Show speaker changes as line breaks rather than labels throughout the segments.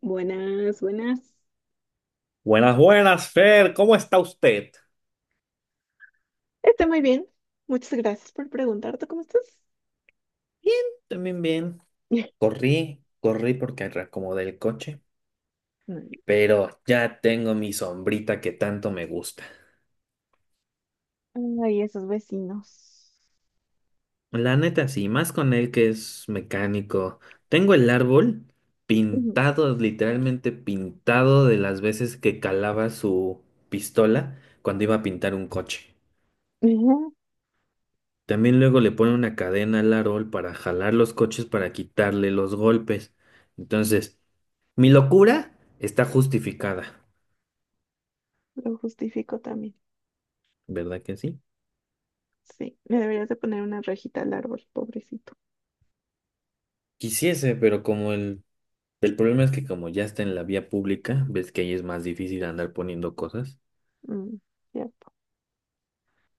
Buenas, buenas.
Buenas, buenas, Fer, ¿cómo está usted?
Estoy muy bien. Muchas gracias por preguntar. ¿Tú cómo estás?
Bien, también bien. Corrí porque reacomodé el coche,
Mm,
pero ya tengo mi sombrita que tanto me gusta.
ay, esos vecinos.
La neta, sí, más con él que es mecánico. Tengo el árbol
Ujú.
pintado, literalmente pintado de las veces que calaba su pistola cuando iba a pintar un coche.
Ujú,
También luego le pone una cadena al árbol para jalar los coches para quitarle los golpes. Entonces mi locura está justificada,
lo justifico también.
¿verdad que sí?
Sí, le deberías de poner una rejita al árbol, pobrecito.
Quisiese, pero como el problema es que como ya está en la vía pública, ves que ahí es más difícil andar poniendo cosas.
Mm, ya,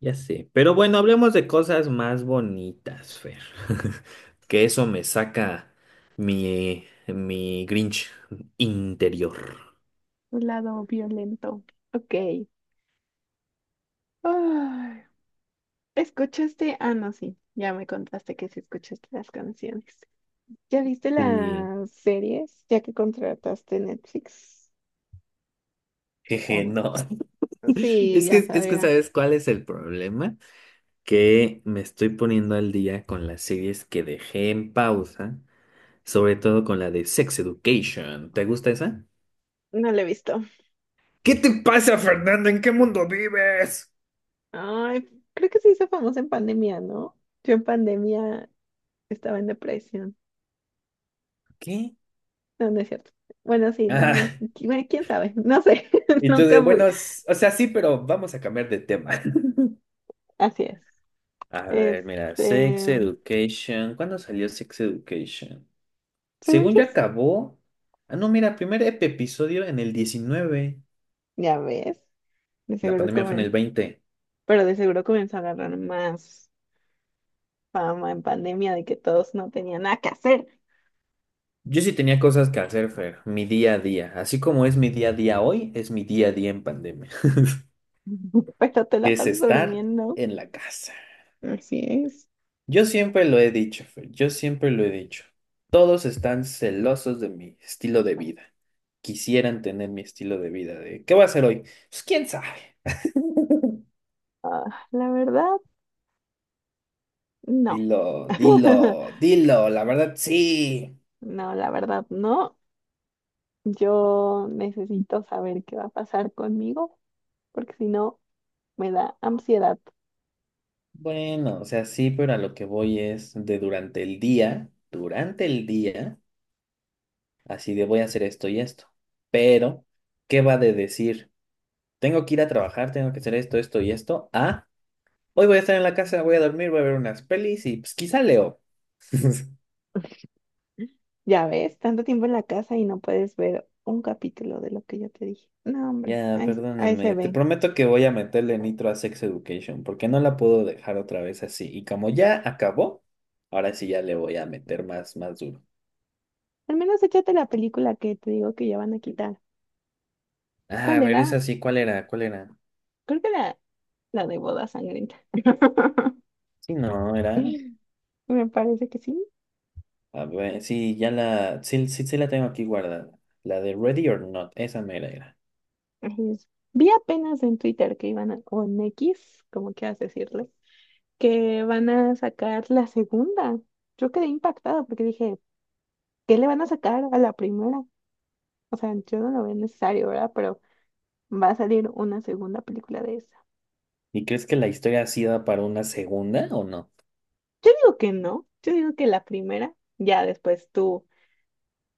Ya sé. Pero bueno, hablemos de cosas más bonitas, Fer. Que eso me saca mi Grinch interior.
un lado violento. Ok. Ay, ¿escuchaste? Ah, no, sí. Ya me contaste que sí escuchaste las canciones. ¿Ya viste
Sí.
las series ya que contrataste Netflix? ¿O
Jeje,
no?
no.
Sí,
Es
ya
que, es que,
sabía.
¿sabes cuál es el problema? Que me estoy poniendo al día con las series que dejé en pausa, sobre todo con la de Sex Education. ¿Te gusta esa?
No la he visto.
¿Qué te pasa, Fernando? ¿En qué mundo vives?
Ay, creo que se hizo famosa en pandemia, ¿no? Yo en pandemia estaba en depresión.
¿Qué?
No, no es cierto. Bueno, sí, no, no,
Ah,
bueno, quién sabe, no sé,
y tú de,
nunca fui.
bueno, o sea, sí, pero vamos a cambiar de tema.
Así es.
A ver, mira, Sex
Este,
Education. ¿Cuándo salió Sex Education?
según
Según
yo,
yo acabó. Ah, no, mira, primer episodio en el 19.
ya ves, de
La
seguro
pandemia fue en el
comen,
20.
pero de seguro comenzó a agarrar más fama en pandemia de que todos no tenían nada que hacer,
Yo sí tenía cosas que hacer, Fer, mi día a día. Así como es mi día a día hoy, es mi día a día en pandemia,
pero te
que
la
es
pasas
estar
durmiendo.
en la casa.
Así es.
Yo siempre lo he dicho, Fer, yo siempre lo he dicho. Todos están celosos de mi estilo de vida. Quisieran tener mi estilo de vida de, ¿qué voy a hacer hoy? Pues quién sabe.
Ah, la verdad, no.
Dilo, dilo, dilo, la verdad sí.
No, la verdad no. Yo necesito saber qué va a pasar conmigo, porque si no, me da ansiedad.
Bueno, o sea, sí, pero a lo que voy es de durante el día, así de voy a hacer esto y esto. Pero ¿qué va de decir? Tengo que ir a trabajar, tengo que hacer esto, esto y esto. ¿Ah? Hoy voy a estar en la casa, voy a dormir, voy a ver unas pelis y pues quizá leo.
Ya ves, tanto tiempo en la casa y no puedes ver un capítulo de lo que yo te dije. No, hombre,
Ya,
ahí, ahí se
perdóname, te
ve.
prometo que voy a meterle nitro a Sex Education porque no la puedo dejar otra vez así. Y como ya acabó, ahora sí ya le voy a meter más, más duro.
Al menos échate la película que te digo que ya van a quitar.
Ah, a
¿Cuál
ver,
era?
esa sí, ¿cuál era? ¿Cuál era?
Creo que la de Boda Sangrienta.
Sí, no, era.
Me parece que sí.
A ver, sí, ya la, sí, sí, sí la tengo aquí guardada. La de Ready or Not, esa mera era.
Así es. Vi apenas en Twitter que iban a, o en X, como quieras decirle, que van a sacar la segunda. Yo quedé impactada porque dije, ¿qué le van a sacar a la primera? O sea, yo no lo veo necesario, ¿verdad? Pero va a salir una segunda película de esa.
¿Y crees que la historia ha sido para una segunda o no?
Yo digo que no, yo digo que la primera, ya después tú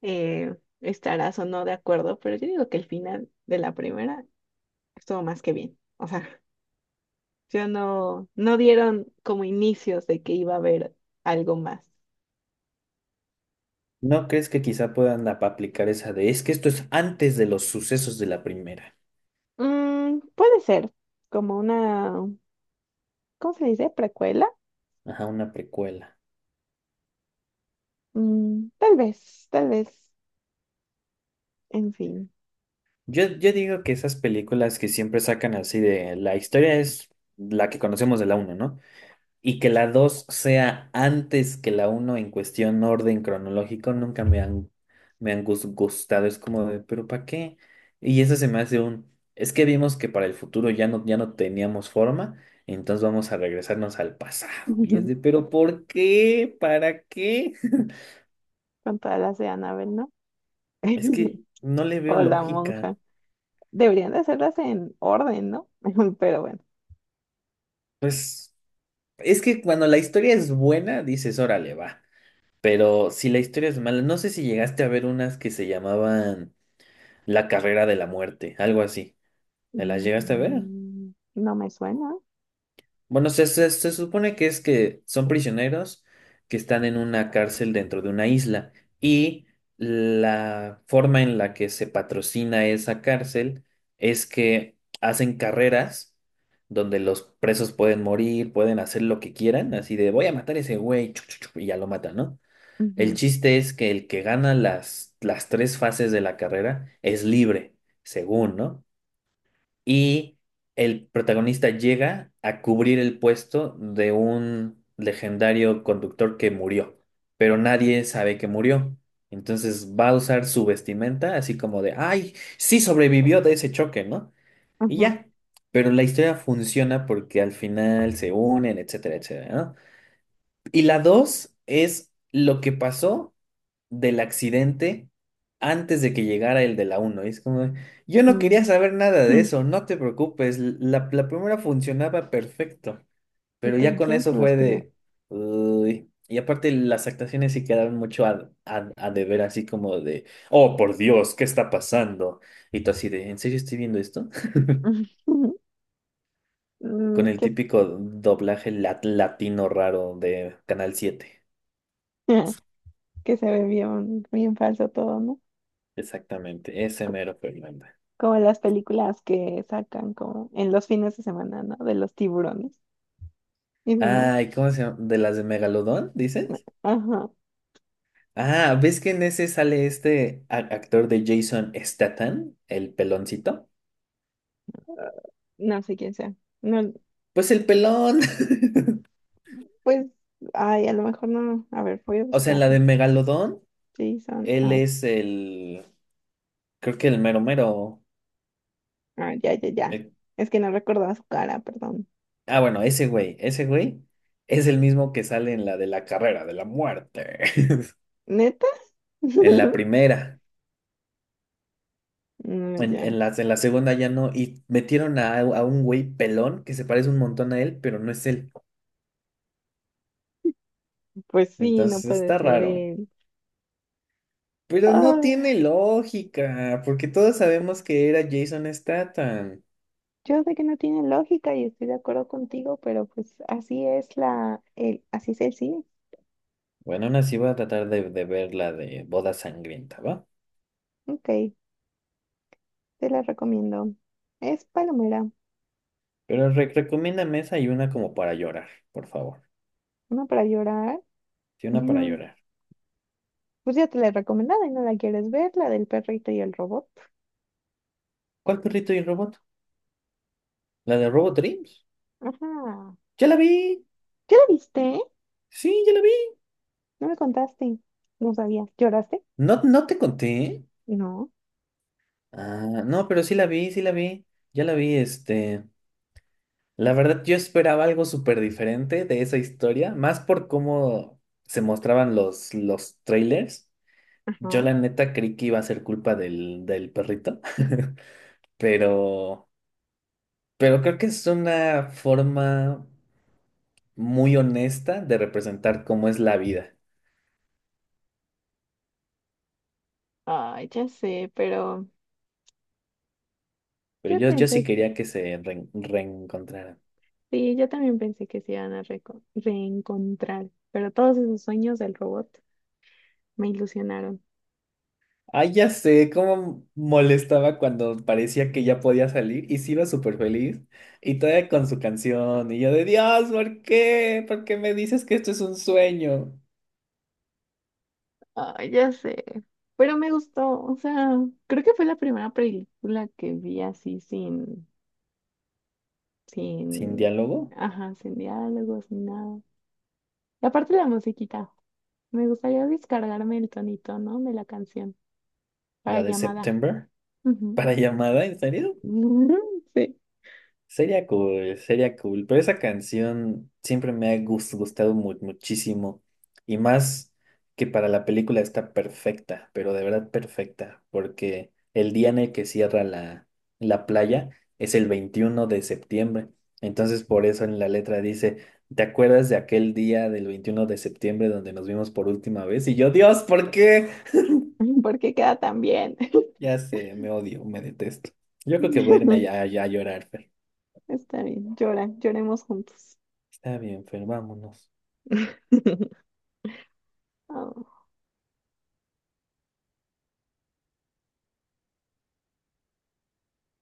eh, estarás o no de acuerdo, pero yo digo que el final de la primera estuvo más que bien. O sea, yo no, no dieron como inicios de que iba a haber algo más.
¿No crees que quizá puedan aplicar esa de, es que esto es antes de los sucesos de la primera?
Mm, puede ser como una, ¿cómo se dice? ¿Precuela?
Ajá, una precuela.
Mm, tal vez, en fin,
Yo digo que esas películas que siempre sacan así de, la historia es la que conocemos de la uno, ¿no? Y que la 2 sea antes que la uno en cuestión orden cronológico, nunca me han, me han gustado. Es como de, ¿pero para qué? Y eso se me hace un, es que vimos que para el futuro ya no, ya no teníamos forma, entonces vamos a regresarnos al pasado. Y es de, ¿pero por qué? ¿Para qué?
con todas las de Annabelle, ¿no?
Es que no le veo
O la monja.
lógica.
Deberían de hacerlas en orden, ¿no? Pero bueno,
Pues es que cuando la historia es buena, dices, órale, va. Pero si la historia es mala, no sé si llegaste a ver unas que se llamaban La carrera de la muerte, algo así. ¿Me las llegaste a ver?
mm, no me suena.
Bueno, se supone que es que son prisioneros que están en una cárcel dentro de una isla y la forma en la que se patrocina esa cárcel es que hacen carreras donde los presos pueden morir, pueden hacer lo que quieran, así de voy a matar a ese güey chu, chu, chu", y ya lo matan, ¿no? El
Ujú,
chiste es que el que gana las tres fases de la carrera es libre, según, ¿no? Y el protagonista llega a cubrir el puesto de un legendario conductor que murió, pero nadie sabe que murió. Entonces va a usar su vestimenta así como de, ay, sí sobrevivió de ese choque, ¿no? Y
ujú,
ya. Pero la historia funciona porque al final se unen, etcétera, etcétera, ¿no? Y la dos es lo que pasó del accidente antes de que llegara el de la uno. Y es como, yo no
mm,
quería saber nada de
mm.
eso, no te preocupes, la primera funcionaba perfecto,
¿Y
pero ya
tú
con
quién se
eso
los
fue
pidió?
de... "Uy". Y aparte las actuaciones sí quedaron mucho a, a deber, así como de, oh, por Dios, ¿qué está pasando? Y tú así de, ¿en serio estoy viendo esto? Con
Mm,
el
¿qué?
típico doblaje latino raro de Canal 7.
Que se ve bien, bien falso todo, ¿no?
Exactamente, ese mero Fernanda.
Como las películas que sacan como en los fines de semana, ¿no? De los tiburones y demás.
Ay, ¿cómo se llama? ¿De las de Megalodón,
No,
dices?
ajá,
Ah, ¿ves que en ese sale este actor de Jason Statham, el peloncito?
no sé quién sea. No,
Pues el pelón.
pues, ay, a lo mejor no. A ver, voy a
O sea, en la
buscarlo.
de Megalodón,
Jason,
él
ah,
es el, creo que el mero mero.
ah, ya, ya, ya.
El...
Es que no recordaba su cara, perdón.
ah, bueno, ese güey es el mismo que sale en la de la carrera de la muerte.
¿Neta?
En la primera,
No, ya.
en las de la segunda ya no, y metieron a un güey pelón que se parece un montón a él, pero no es él.
Pues sí, no
Entonces
puede
está
ser
raro.
él.
Pero no
Ah,
tiene lógica, porque todos sabemos que era Jason Statham.
yo sé que no tiene lógica y estoy de acuerdo contigo, pero pues así es la, el, así es el cine.
Bueno, aún así voy a tratar de ver la de Boda Sangrienta, ¿va?
Ok, te la recomiendo. Es Palomera,
Pero recomiéndame esa y una como para llorar, por favor.
una para llorar.
Sí, una para llorar.
Pues ya te la he recomendado y no la quieres ver, la del perrito y el robot.
¿Cuál perrito y robot? ¿La de Robot Dreams?
Ajá.
¡Ya la vi!
¿Ya la viste?
Sí, ya la vi.
No me contaste. No sabía. ¿Lloraste?
¿No, no te conté?
No.
Ah, no, pero sí la vi, sí la vi. Ya la vi, este... La verdad, yo esperaba algo súper diferente de esa historia, más por cómo se mostraban los trailers. Yo
Ajá.
la neta creí que iba a ser culpa del perrito, pero, pero creo que es una forma muy honesta de representar cómo es la vida.
Ay, ya sé, pero
Pero
yo
yo sí
pensé,
quería que se reencontraran.
sí, yo también pensé que se iban a reencontrar, pero todos esos sueños del robot me ilusionaron.
Ay, ya sé cómo molestaba cuando parecía que ya podía salir y se iba súper feliz y todavía con su canción y yo de Dios, ¿por qué? ¿Por qué me dices que esto es un sueño?
Ay, ya sé, pero me gustó, o sea, creo que fue la primera película que vi así sin,
Sin
sin,
diálogo,
ajá, sin diálogos ni nada. Y aparte la musiquita, me gustaría descargarme el tonito, ¿no? De la canción para
la de
llamada.
September,
Ujú.
para llamada, ¿en serio?
Sí,
Sería cool, pero esa canción siempre me ha gustado muchísimo y más que para la película está perfecta, pero de verdad perfecta, porque el día en el que cierra la playa es el 21 de septiembre, entonces por eso en la letra dice, ¿te acuerdas de aquel día del 21 de septiembre donde nos vimos por última vez? Y yo, Dios, ¿por qué?
porque queda tan bien.
Ya sé, me odio, me detesto. Yo creo que voy a irme ya, ya a llorar, Fer.
Está bien, llora, lloremos juntos.
Está bien, Fer, vámonos.
Oh.